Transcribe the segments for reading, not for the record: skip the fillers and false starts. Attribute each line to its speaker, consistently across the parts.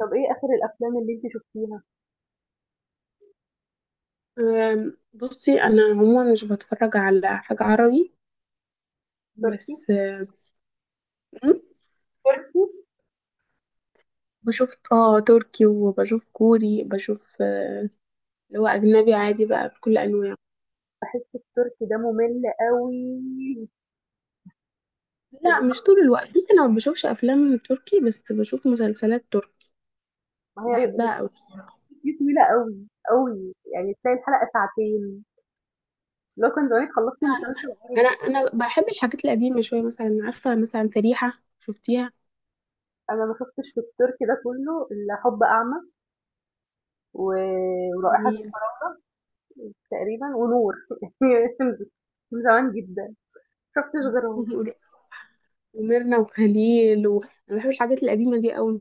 Speaker 1: طب إيه آخر الأفلام اللي أنتِ شُفتيها؟
Speaker 2: بصي، انا عموما مش بتفرج على حاجة عربي.
Speaker 1: تركي؟
Speaker 2: بس أم،
Speaker 1: تركي؟
Speaker 2: بشوف تركي وبشوف كوري، بشوف اللي هو اجنبي عادي بقى بكل انواعه.
Speaker 1: باحس التركي ده مُمِل أوي.
Speaker 2: لا، مش طول الوقت. بصي، انا ما بشوفش افلام تركي بس بشوف مسلسلات تركي،
Speaker 1: ما هي ال
Speaker 2: بحبها قوي.
Speaker 1: دي طويلة أوي، أوي، يعني تلاقي الحلقة ساعتين، اللي هو كان زمانِك خلّصتِ مسلسل عربي
Speaker 2: انا
Speaker 1: أصلًا،
Speaker 2: انا بحب الحاجات القديمة شوية، مثلا عارفة، مثلا فريحة، شفتيها؟
Speaker 1: أنا ما شُفتش في التركي ده كُلّه إلا حُب أعمى و ورائحة
Speaker 2: جميل.
Speaker 1: الفراولة تقريبًا ونور هي خلصت من زمان جدًا، ما شُفتش غيرهم،
Speaker 2: وميرنا وخليل و... انا بحب الحاجات القديمة دي قوي.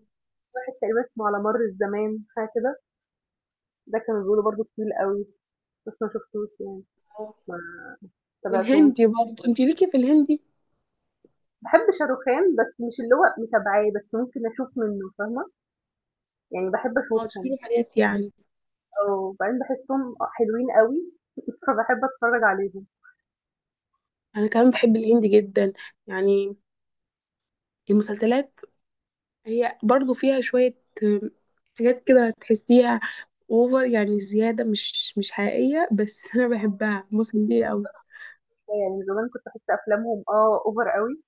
Speaker 1: واحد تقريبًا اسمه على مَر الزمان حاجة كده، ده كانوا بيقولوا برضه طويل أوي، بس ما شُفتوش يعني، ما تابعتوش.
Speaker 2: والهندي برضه، انت ليكي في الهندي؟
Speaker 1: باحب شاروخان، بس مش اللي هو متابعاه، بس ممكن أشوف منّه فاهمة، يعني باحب
Speaker 2: اه، تشوفي
Speaker 1: أشوفهم،
Speaker 2: حاجات يعني.
Speaker 1: آه، وبعدين باحسّهم حلوين أوي، فباحب أتفرّج عليهم
Speaker 2: انا كمان بحب الهندي جدا، يعني المسلسلات. هي برضو فيها شوية آم، حاجات كده تحسيها اوفر، يعني زيادة، مش حقيقية، بس انا بحبها، مسلية قوي.
Speaker 1: شوية، يعني زمان كنت باحس أفلامهم آه over أوي،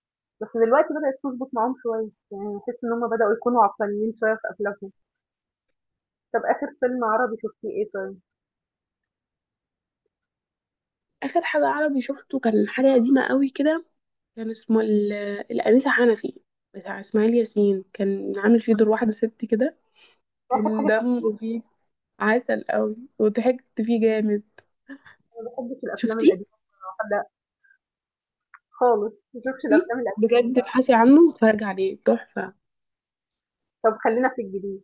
Speaker 1: بس دلوقتي بدأت تضبط معاهم شوية، يعني باحس إن هم بدأوا يكونوا عقلانيين شوية في أفلامهم. طَب آخر فيلم عربي شُفتيه إيه طيب؟
Speaker 2: اخر حاجة عربي شفته كان حاجة قديمة قوي كده. كان اسمه الأنسة حنفي بتاع اسماعيل ياسين. كان عامل فيه دور واحدة ست كده، كان دمه فيه عسل قوي، وضحكت فيه جامد.
Speaker 1: أنا ما باحبش الأفلام
Speaker 2: شفتيه؟
Speaker 1: القديمة، لأ خالص، ما باشوفش
Speaker 2: شفتيه
Speaker 1: الأفلام القديمة
Speaker 2: بجد،
Speaker 1: بصراحة،
Speaker 2: ابحثي عنه واتفرجي عليه، تحفة.
Speaker 1: طَب خلّينا في الجديد،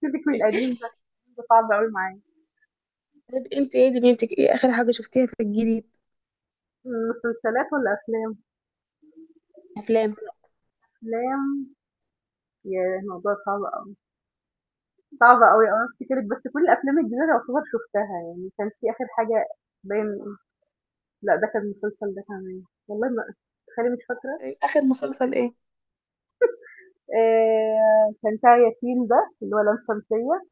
Speaker 1: سيبِك من القديم ده، القديم ده صعب أوي معايا.
Speaker 2: طيب، انت ايه دنيتك، ايه اخر حاجه شفتيها في الجديد؟
Speaker 1: مسلسلات والّا أفلام؟
Speaker 2: افلام.
Speaker 1: أفلام. ياه! الموضوع صعب أوي، صعب أوي آه، أفتكرِك بس كل الأفلام الجديدة يعتبر شُفتها يعني، كان في آخر حاجة باين، لأ ده كان مسلسل ده كمان، والله ما تخيّلي مش فاكرة،
Speaker 2: اخر مسلسل ايه؟
Speaker 1: كان بتاع يتيم ده اللي هو لام شمسية،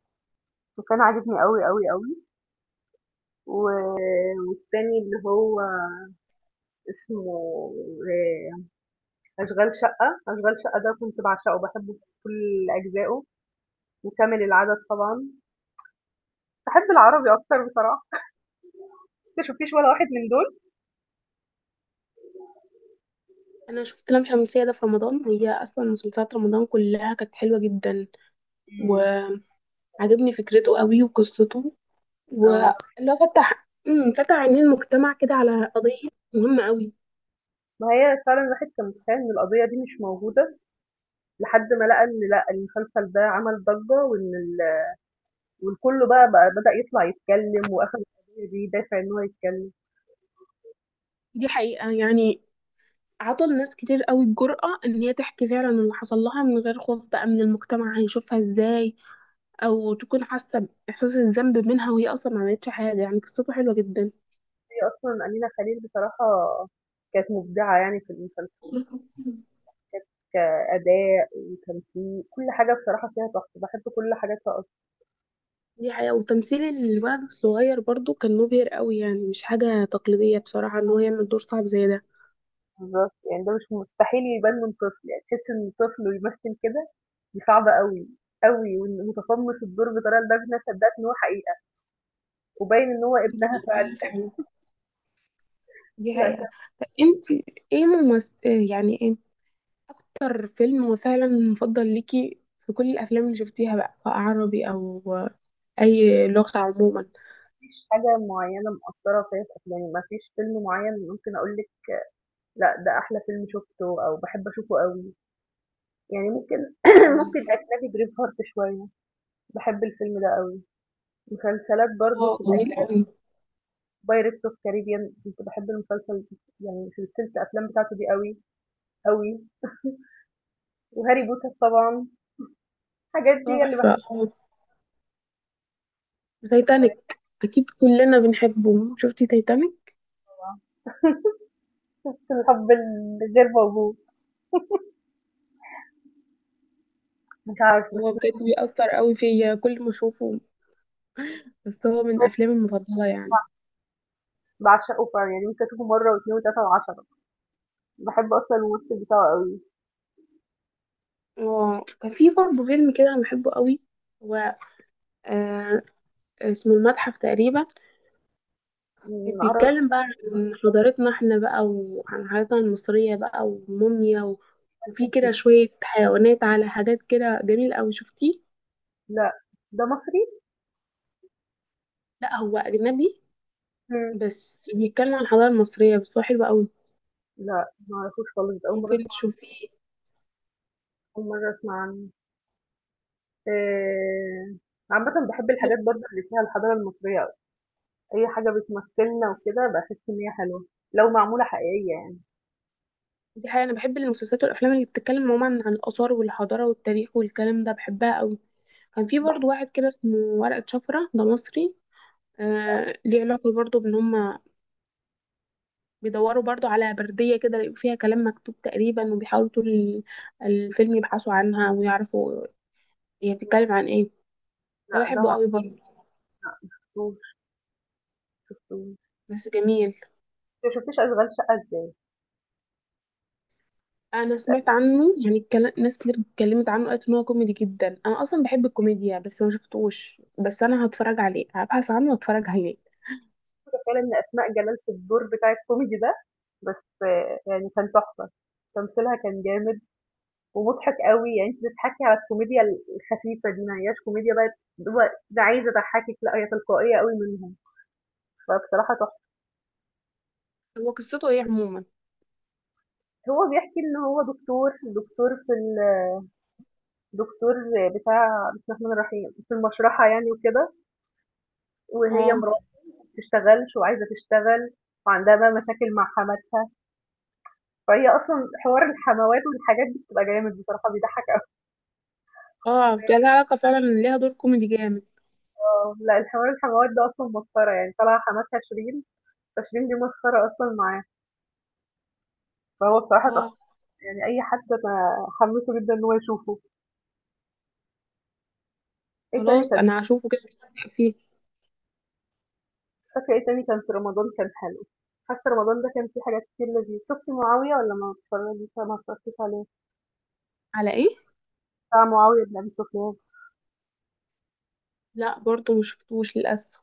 Speaker 1: وكان عاجبني أوي، أوي، أوي، و والتاني اللي هو اسمه آآ أشغال شقة، أشغال شقة ده كنت باعشقه، باحبه بكل أجزائه، وكامل العدد طبعًا، باحب العربي أكتر بصراحة، أنتِ ما شُفتيش ولا واحد من دول؟
Speaker 2: انا شفت لام شمسية ده في رمضان، هي اصلا مسلسلات رمضان كلها كانت حلوه جدا.
Speaker 1: إمم.
Speaker 2: وعجبني فكرته قوي وقصته،
Speaker 1: آه.
Speaker 2: واللي هو فتح فتح عينين المجتمع كده على قضيه مهمه قوي.
Speaker 1: ما هي فعلًا الواحد كان متخيّل إن القضية دي مش موجودة، لحد ما لقى إن لأ، المسلسل ده عمل ضجّة وإن ال والكل بقى بدأ يطلع يتكلّم وأخد القضية دي دافع إن هو يتكلّم.
Speaker 2: دي حقيقه يعني، عطى لناس كتير قوي الجرأة ان هي تحكي فعلا اللي حصل لها من غير خوف بقى من المجتمع هيشوفها ازاي، او تكون حاسة باحساس الذنب منها وهي اصلا ما عملتش حاجة. يعني قصته حلوة جدا.
Speaker 1: هي أصلًا أمينة خليل بصراحة كانت مبدعة يعني في المسلسل، كأداء وتمثيل، كل حاجة بصراحة فيها تحفة، باحب كل حاجاتها أصلًا.
Speaker 2: دي حقيقة. وتمثيل الولد الصغير برضو كان مبهر قوي، يعني مش حاجة تقليدية بصراحة ان هو يعمل دور صعب زي ده.
Speaker 1: بالضبط، يعني ده مش مستحيل يبان من طفل، يعني تحس إن طفل ويمثّل كده دي صعبة أوي، أوي وإنه متقمّص الدور بطريقة لدرجة إن أنا صدّقت إن هو حقيقة وباين إن هو
Speaker 2: دي
Speaker 1: ابنها فعلًا.
Speaker 2: حقيقة فعلا، دي
Speaker 1: لا،
Speaker 2: حقيقة. طب انت ايه ممثل، يعني ايه اكتر فيلم هو فعلا مفضل ليكي في كل الافلام اللي شفتيها بقى، سواء عربي او اي لغة عموما؟
Speaker 1: مفيش حاجة معيّنة مأثّرة فيّا في أفلامي، مفيش فيلم معيّن ممكن أقول لِك لأ ده أحلى فيلم شُفته أو باحب أشوفه أوي، يعني ممكن ممكن أجنبي braveheart شوية، باحب الفيلم ده أوي، مسلسلات برضه
Speaker 2: اه
Speaker 1: في
Speaker 2: جميل قوي.
Speaker 1: pirates of caribbean كنت باحب المسلسل يعني سلسلة الأفلام بتاعته دي أوي، أوي وهاري بوتر طبعًا، الحاجات دي هي اللي
Speaker 2: تحفة. اه تايتانيك اكيد كلنا بنحبه، شفتي تايتانيك؟
Speaker 1: باحبها، الحب الغير موجود، مش عارفة
Speaker 2: هو
Speaker 1: بس
Speaker 2: بجد بيأثر قوي فيا كل ما اشوفه، بس هو من أفلامي المفضلة يعني.
Speaker 1: باعشقه فعلًا يعني ممكن أشوفه مرّة و2 و3 و10، باحب أصلًا الممثل بتاعه أوي،
Speaker 2: اه كان في برضه فيلم كده أنا بحبه قوي. هو آه اسمه المتحف تقريبا،
Speaker 1: إمم، عربي
Speaker 2: بيتكلم بقى عن حضارتنا احنا بقى، وعن حضارتنا المصرية بقى، والموميا و... وفي
Speaker 1: بيمثّل
Speaker 2: كده
Speaker 1: فيه.
Speaker 2: شوية حيوانات على حاجات كده، جميلة أوي. شفتيه؟
Speaker 1: لأ، ده مصري؟
Speaker 2: لا هو أجنبي،
Speaker 1: إمم.
Speaker 2: بس بيتكلم عن الحضارة المصرية، بس هو حلو أوي.
Speaker 1: لأ، ما أعرفوش خالص، ده أول مرّة
Speaker 2: ممكن
Speaker 1: أسمع،
Speaker 2: تشوفيه.
Speaker 1: أول مرّة أسمع عنه. آآ، عامةً باحب الحاجات برضه اللي فيها الحضارة المصرية أوي، أي حاجة بتمثّلنا وكده باحس إن هي حلوة، لو معمولة حقيقية يعني.
Speaker 2: دي حقيقة. أنا بحب المسلسلات والأفلام اللي بتتكلم عموما عن الآثار والحضارة والتاريخ والكلام ده، بحبها أوي. كان في برضو واحد كده اسمه ورقة شفرة، ده مصري. آه ليه علاقة برضو بإن هما بيدوروا برضو على بردية كده، يلاقوا فيها كلام مكتوب تقريبا، وبيحاولوا طول الفيلم يبحثوا عنها ويعرفوا هي بتتكلم عن ايه. ده
Speaker 1: لأ، ده
Speaker 2: بحبه
Speaker 1: ما
Speaker 2: قوي برضو،
Speaker 1: لأ، ما شفتوش ما شفتوش. أنتِ
Speaker 2: بس جميل.
Speaker 1: ما شفتيش أشغال شقة إزاي؟
Speaker 2: أنا
Speaker 1: متأكدة
Speaker 2: سمعت عنه يعني، ناس كتير اتكلمت عنه، قالت إن هو كوميدي جدا. أنا أصلا بحب الكوميديا بس ما شفتوش، بس أنا هتفرج عليه، هبحث عنه واتفرج عليه.
Speaker 1: فعلًا إن أسماء جلال في الدور بتاع الكوميدي ده، بس يعني كان تحفة، تمثيلها كان جامد ومضحك أوي، يعني أنتِ بتضحكي على الكوميديا الخفيفة دي، ما هياش كوميديا بقى اللي هو ده عايز أضحّكِك، لأ هي تلقائية أوي منهم، فبصراحة تحفة.
Speaker 2: هو قصته ايه عموما؟
Speaker 1: هو بيحكي إن هو دكتور، دكتور في ال دكتور بتاع بسم الله الرحمن الرحيم، في المشرحة يعني وكده، وهي
Speaker 2: اه.
Speaker 1: مراته ما بتشتغلش وعايزة تشتغل وعندها بقى مشاكل مع حماتها، فهي أصلًا حوار الحموات والحاجات دي بتبقى جامد بصراحة بيضحّك أوي.
Speaker 2: اه ده لها علاقة فعلا، ليها دور كوميدي جامد.
Speaker 1: آه، لأ الحوار الحموات ده أصلًا مسخرة يعني، طالعة حماتها شيرين، فشيرين دي مسخرة أصلًا معاه، فهو بصراحة تحفة.
Speaker 2: اه.
Speaker 1: يعني أي حد أنا حمّاسه جدًا إن هو يشوفه. إيه تاني
Speaker 2: خلاص
Speaker 1: كان،
Speaker 2: انا هشوفه، كده كده هبدأ فيه.
Speaker 1: فاكرة إيه تاني كان في رمضان كان حلو؟ حاسة رمضان ده كان فيه حاجات كتير لذيذة. شُفتِ معاوية والّا ما اتفرّجتيش عليه؟
Speaker 2: على ايه؟
Speaker 1: بتاع معاوية بن أبي سفيان.
Speaker 2: لا برضو مشفتوش للاسف.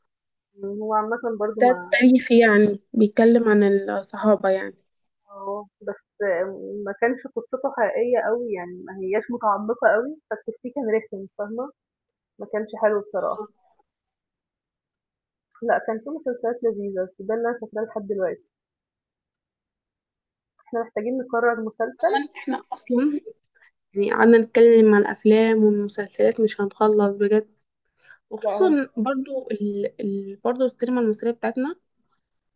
Speaker 1: إمم، هو عامةً برضه
Speaker 2: ده
Speaker 1: ما
Speaker 2: تاريخي يعني، بيتكلم عن الصحابه يعني.
Speaker 1: آه، بس ما كانش قصّته حقيقية أوي، يعني ما هياش متعمّقة أوي، فالتفسير كان رخم فاهمة؟ ما كانش حلو بصراحة. لأ، كان في مسلسلات لذيذة، بس ده اللي أنا فاكراه لحد دلوقتي. إحنا محتاجين نقرّر مسلسل،
Speaker 2: طبعا احنا اصلا يعني قعدنا نتكلم عن الافلام والمسلسلات، مش هنخلص بجد.
Speaker 1: لأ هو
Speaker 2: وخصوصا برضو برضو السينما المصريه بتاعتنا،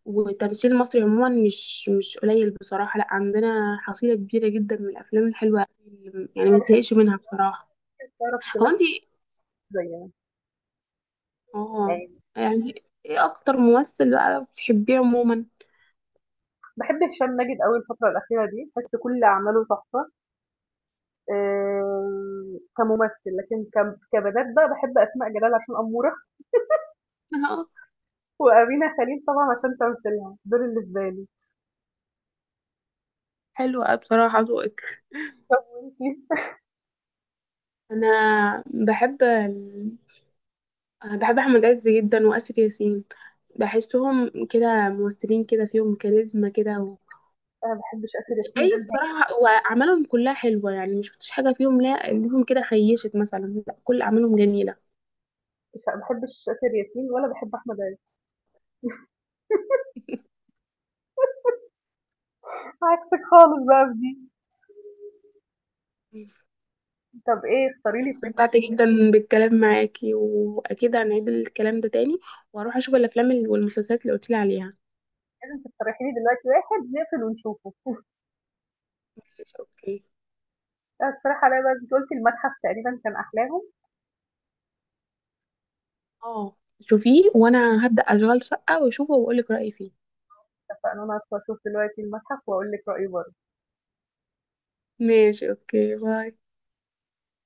Speaker 2: والتمثيل المصري عموما، مش قليل بصراحه، لا عندنا حصيله كبيره جدا من الافلام الحلوه، يعني ما
Speaker 1: مقترح
Speaker 2: تزهقش منها بصراحه.
Speaker 1: تعرف
Speaker 2: هو
Speaker 1: تمثّل
Speaker 2: انت؟
Speaker 1: زينا.
Speaker 2: اه،
Speaker 1: يعني
Speaker 2: يعني ايه اكتر ممثل بقى بتحبيه عموما؟
Speaker 1: باحب هشام ماجد أوي الفترة الأخيرة دي، باحس كل أعماله تحفة آآ كممثل، لكن كبنات بقى باحب أسماء جلال عشان أمورة،
Speaker 2: اه
Speaker 1: وأمينة خليل طبعًا عشان تمثيلها، دول بالنسبة لي.
Speaker 2: حلو قوي بصراحة ذوقك.
Speaker 1: طب وأنتِ؟
Speaker 2: انا بحب ال... أنا بحب احمد عز جدا واسر ياسين، بحسهم كده ممثلين كده فيهم كاريزما كده و...
Speaker 1: أنا ما باحبش آسر ياسين ده
Speaker 2: اي
Speaker 1: نهائي،
Speaker 2: بصراحة، واعمالهم كلها حلوة يعني، مش شفتش حاجة فيهم لا ليهم كده خيشت مثلا، لا كل اعمالهم جميلة.
Speaker 1: مش ما باحبش آسر ياسين ولا باحب أحمد عز. عكسِك خالص بقى في دي. طب إيه اختاري
Speaker 2: عموماً
Speaker 1: لي فيلم،
Speaker 2: استمتعت جدا بالكلام معاكي، واكيد هنعيد الكلام ده تاني، واروح اشوف الافلام والمسلسلات اللي قلتلي عليها.
Speaker 1: لازم تقترحي لي دلوقتي واحد نقفل ونشوفه.
Speaker 2: اوكي.
Speaker 1: أنا اقترحي عليَّ بقى أنتِ قُلتِ المتحف تقريبًا كان أحلاهم،
Speaker 2: اه شوفيه، وانا هبدأ اشغال شقة واشوفه واقولك رأيي فيه.
Speaker 1: اتفقنا أنا هادخل أشوف دلوقتي المتحف وأقول لِك رأيي برضه.
Speaker 2: ماشي، اوكي، باي.